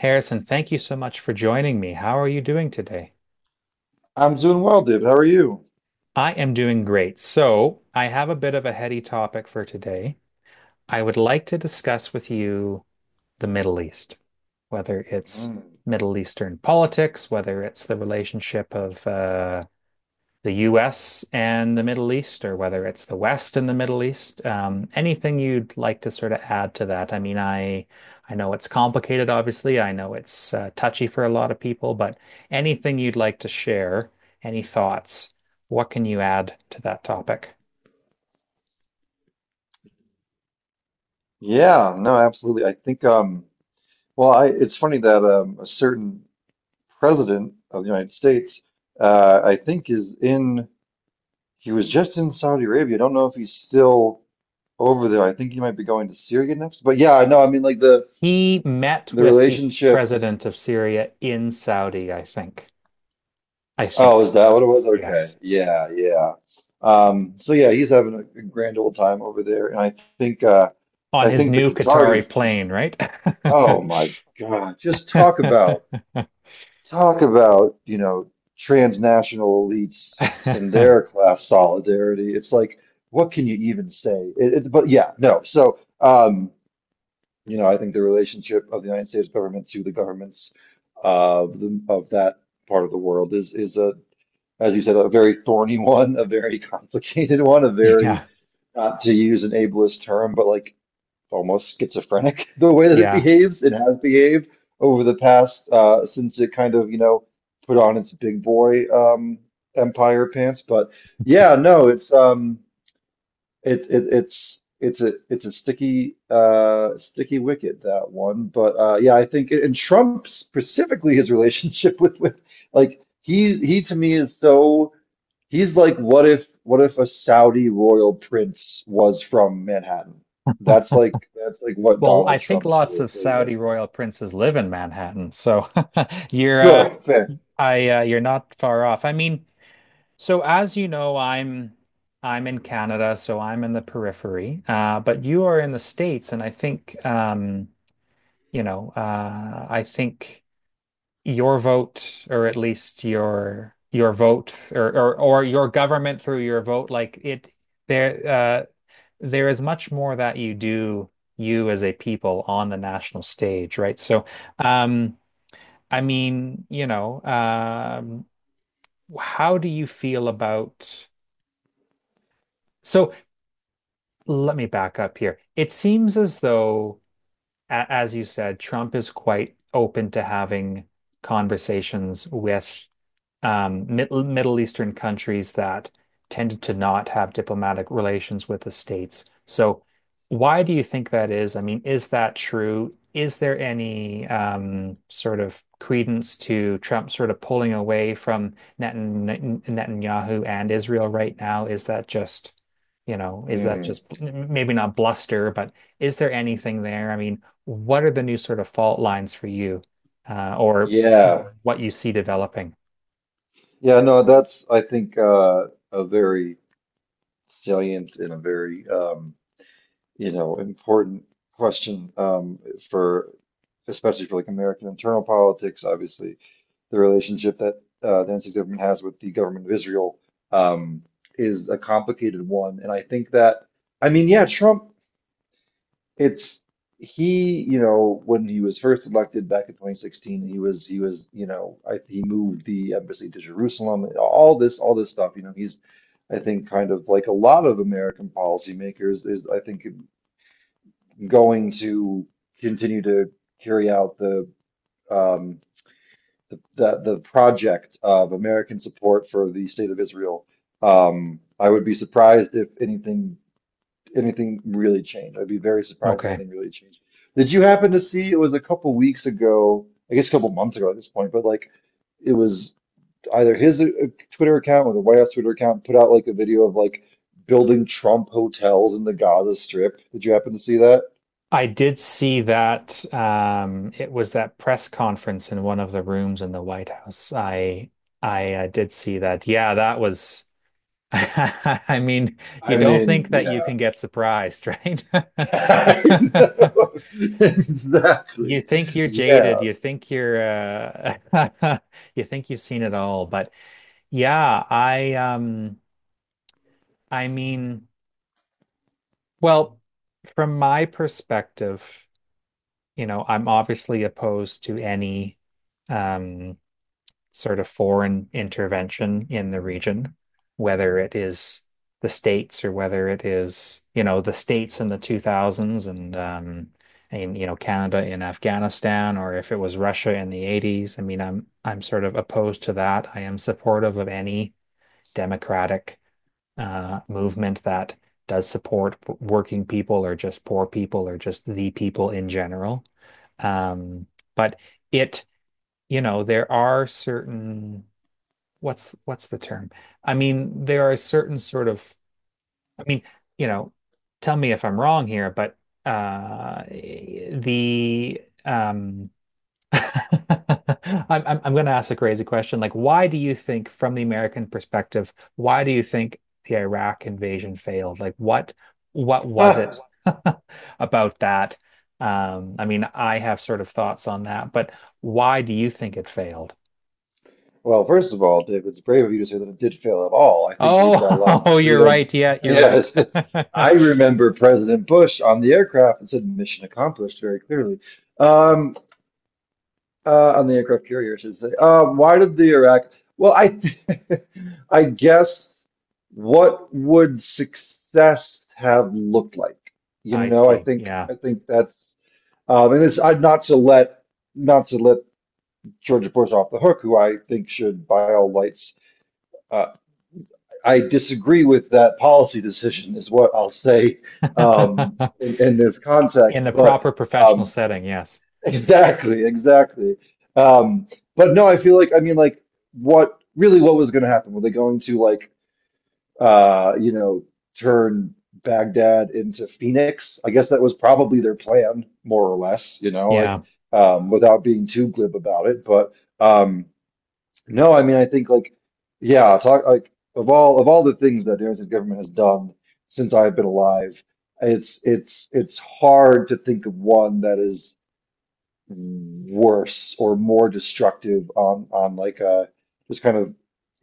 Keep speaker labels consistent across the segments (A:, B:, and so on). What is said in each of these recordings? A: Harrison, thank you so much for joining me. How are you doing today?
B: I'm doing well, Dave. How are you?
A: I am doing great. So, I have a bit of a heady topic for today. I would like to discuss with you the Middle East, whether it's
B: Mm.
A: Middle Eastern politics, whether it's the relationship of the US and the Middle East, or whether it's the West and the Middle East. Anything you'd like to sort of add to that? I mean, I know it's complicated, obviously. I know it's touchy for a lot of people, but anything you'd like to share, any thoughts, what can you add to that topic?
B: Yeah, no, absolutely. I think, well, it's funny that a certain president of the United States, I think, is in. He was just in Saudi Arabia. I don't know if he's still over there. I think he might be going to Syria next. But yeah, no, I mean, like the
A: He met
B: the
A: with the
B: relationship.
A: president of Syria in Saudi, I think. I
B: Oh, is
A: think.
B: that what it was? Okay,
A: Yes.
B: yeah, yeah. So yeah, he's having a grand old time over there, and
A: On
B: I
A: his
B: think the
A: new Qatari
B: Qataris just.
A: plane, right?
B: Oh my God. Just talk about transnational elites and their class solidarity. It's like, what can you even say? But yeah, no. So you know, I think the relationship of the United States government to the governments of that part of the world is, as you said, a very thorny one, a very complicated one, a very,
A: Yeah.
B: not to use an ableist term, but like almost schizophrenic the way that it
A: Yeah.
B: behaves. It has behaved over the past since it kind of, you know, put on its big boy empire pants. But yeah, no, it's it, it it's a sticky sticky wicket, that one. But yeah, I think, and Trump specifically, his relationship with like he to me is so. He's like, what if a Saudi royal prince was from Manhattan? That's like that's like what
A: Well, I
B: Donald
A: think
B: Trump's
A: lots
B: whole
A: of
B: thing
A: Saudi
B: is.
A: royal princes live in Manhattan, so you're
B: Sure, fair.
A: I you're not far off. I mean, so as you know, I'm in Canada, so I'm in the periphery. But you are in the States, and I think you know, I think your vote, or at least your vote or or your government through your vote, like it there there is much more that you do, you as a people on the national stage, right? So um, I mean, you know, how do you feel about so let me back up here. It seems as though as you said, Trump is quite open to having conversations with Middle Eastern countries that tended to not have diplomatic relations with the states. So, why do you think that is? I mean, is that true? Is there any sort of credence to Trump sort of pulling away from Netanyahu and Israel right now? Is that just, you know, is that
B: Mm,
A: just maybe not bluster, but is there anything there? I mean, what are the new sort of fault lines for you, or
B: yeah.
A: what you see developing?
B: Yeah, no, that's I think a very salient and a very you know important question for especially for like American internal politics, obviously. The relationship that the NC government has with the government of Israel um, is a complicated one. And I think that, I mean, yeah, Trump, it's you know, when he was first elected back in 2016, he was, you know, he moved the embassy to Jerusalem, all this stuff. You know, he's, I think, kind of like a lot of American policymakers, is I think going to continue to carry out the um, the project of American support for the state of Israel. I would be surprised if anything really changed. I'd be very surprised if
A: Okay.
B: anything really changed. Did you happen to see, it was a couple weeks ago, I guess a couple months ago at this point, but like it was either his Twitter account or the White House Twitter account, put out like a video of like building Trump hotels in the Gaza Strip. Did you happen to see that?
A: I did see that. It was that press conference in one of the rooms in the White House. I did see that. Yeah, that was. I mean,
B: I
A: you don't
B: mean,
A: think that you
B: yeah.
A: can get surprised, right?
B: I
A: But
B: know.
A: you
B: Exactly.
A: think you're jaded.
B: Yeah.
A: You think you're you think you've seen it all. But yeah, I mean, well, from my perspective, you know, I'm obviously opposed to any um, sort of foreign intervention in the region, whether it is the states, or whether it is, you know, the states in the 2000s, and you know, Canada in Afghanistan, or if it was Russia in the 80s. I mean, I'm sort of opposed to that. I am supportive of any democratic movement that does support working people, or just poor people, or just the people in general. Um, but it, you know, there are certain what's the term? I mean, there are certain sort of, I mean, you know, tell me if I'm wrong here, but the I'm I'm going to ask a crazy question. Like, why do you think, from the American perspective, why do you think the Iraq invasion failed? Like, what was
B: Ah,
A: it about that? I mean, I have sort of thoughts on that, but why do you think it failed?
B: well, first of all, Dave, it's brave of you to say that it did fail at all. I think we
A: Oh,
B: brought a lot of
A: oh, you're
B: freedom.
A: right. Yeah, you're right.
B: Yes, I remember President Bush on the aircraft and said mission accomplished very clearly. Um, on the aircraft carrier, I should say. Why did the Iraq? Well, th- I guess what would success have looked like? You
A: I
B: know,
A: see. Yeah.
B: I think that's and this I'd not to let Georgia Bush off the hook, who I think should, by all lights, uh, I disagree with that policy decision, is what I'll say in this
A: In the
B: context. But
A: proper professional
B: um,
A: setting, yes.
B: exactly. Um, but no, I feel like, I mean, like, what really, what was going to happen? Were they going to, like, you know, turn Baghdad into Phoenix? I guess that was probably their plan, more or less, you know, like,
A: Yeah.
B: without being too glib about it. But, um, no, I mean, I think like, yeah, talk like of all the things that the Argentine government has done since I've been alive, it's hard to think of one that is worse or more destructive on like just kind of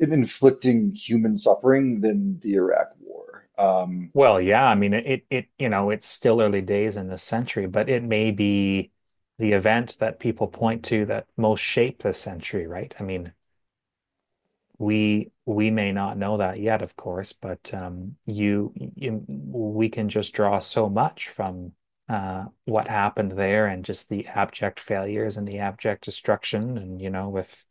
B: inflicting human suffering than the Iraq War.
A: Well, yeah, I mean it, it you know, it's still early days in this century, but it may be the event that people point to that most shaped this century, right? I mean, we may not know that yet, of course, but you, you we can just draw so much from what happened there, and just the abject failures and the abject destruction, and you know, with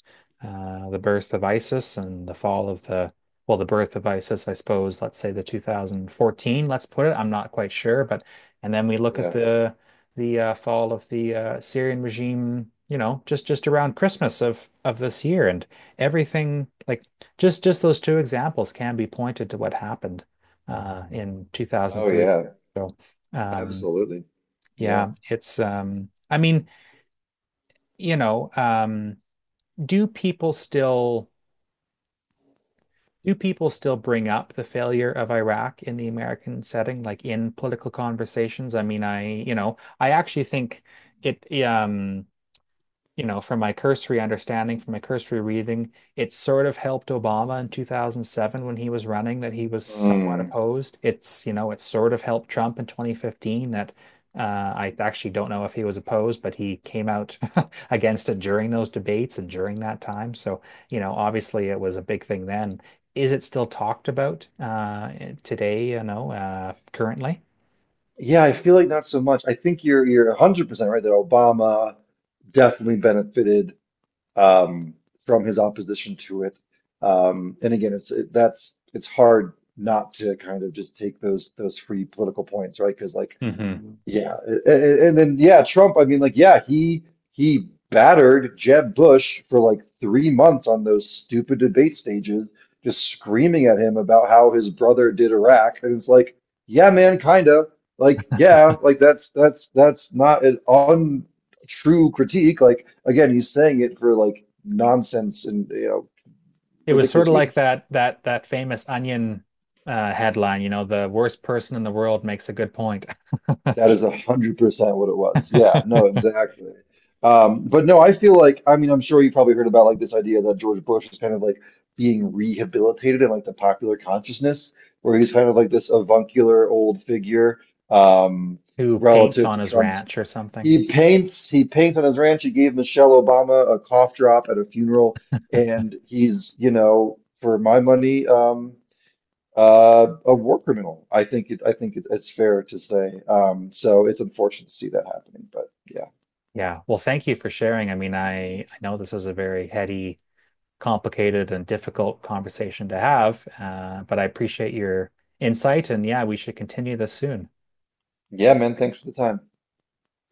A: the birth of ISIS and the fall of the, well, the birth of ISIS, I suppose. Let's say the 2014. Let's put it. I'm not quite sure, but and then we look at
B: Yeah.
A: the fall of the Syrian regime. You know, just around Christmas of this year, and everything. Like, just those two examples can be pointed to what happened in
B: Oh
A: 2003.
B: yeah,
A: So um,
B: absolutely.
A: yeah,
B: Yeah.
A: it's I mean, you know, do people still, do people still bring up the failure of Iraq in the American setting, like in political conversations? I mean, I you know, I actually think it you know, from my cursory understanding, from my cursory reading, it sort of helped Obama in 2007 when he was running, that he was somewhat
B: Mm.
A: opposed. It's, you know, it sort of helped Trump in 2015 that uh, I actually don't know if he was opposed, but he came out against it during those debates and during that time. So, you know, obviously it was a big thing then. Is it still talked about today, you know, currently?
B: Yeah, I feel like not so much. I think you're 100% right that Obama definitely benefited, um, from his opposition to it. And again, it's it, that's it's hard not to kind of just take those free political points, right? Because like
A: Mm-hmm.
B: yeah, and then yeah, Trump. I mean, like, yeah, he battered Jeb Bush for like 3 months on those stupid debate stages, just screaming at him about how his brother did Iraq, and it's like, yeah, man, kind of like, yeah, like that's not an untrue critique. Like, again, he's saying it for like nonsense and
A: It was sort
B: ridiculous
A: of like
B: reasons.
A: that that famous Onion headline, you know, the worst person in the world makes a good point.
B: That is 100% what it was. Yeah, no, exactly. But no, I feel like, I mean, I'm sure you probably heard about like this idea that George Bush is kind of like being rehabilitated in like the popular consciousness, where he's kind of like this avuncular old figure, um,
A: Who paints
B: relative
A: on
B: to
A: his
B: Trump's.
A: ranch or something.
B: He paints on his ranch. He gave Michelle Obama a cough drop at a funeral, and he's, you know, for my money, a war criminal. I think it, it's fair to say. So it's unfortunate to see that happening, but yeah,
A: Yeah. Well, thank you for sharing. I mean, I know this is a very heady, complicated, and difficult conversation to have, but I appreciate your insight, and yeah, we should continue this soon.
B: yeah, man. Thanks for the time.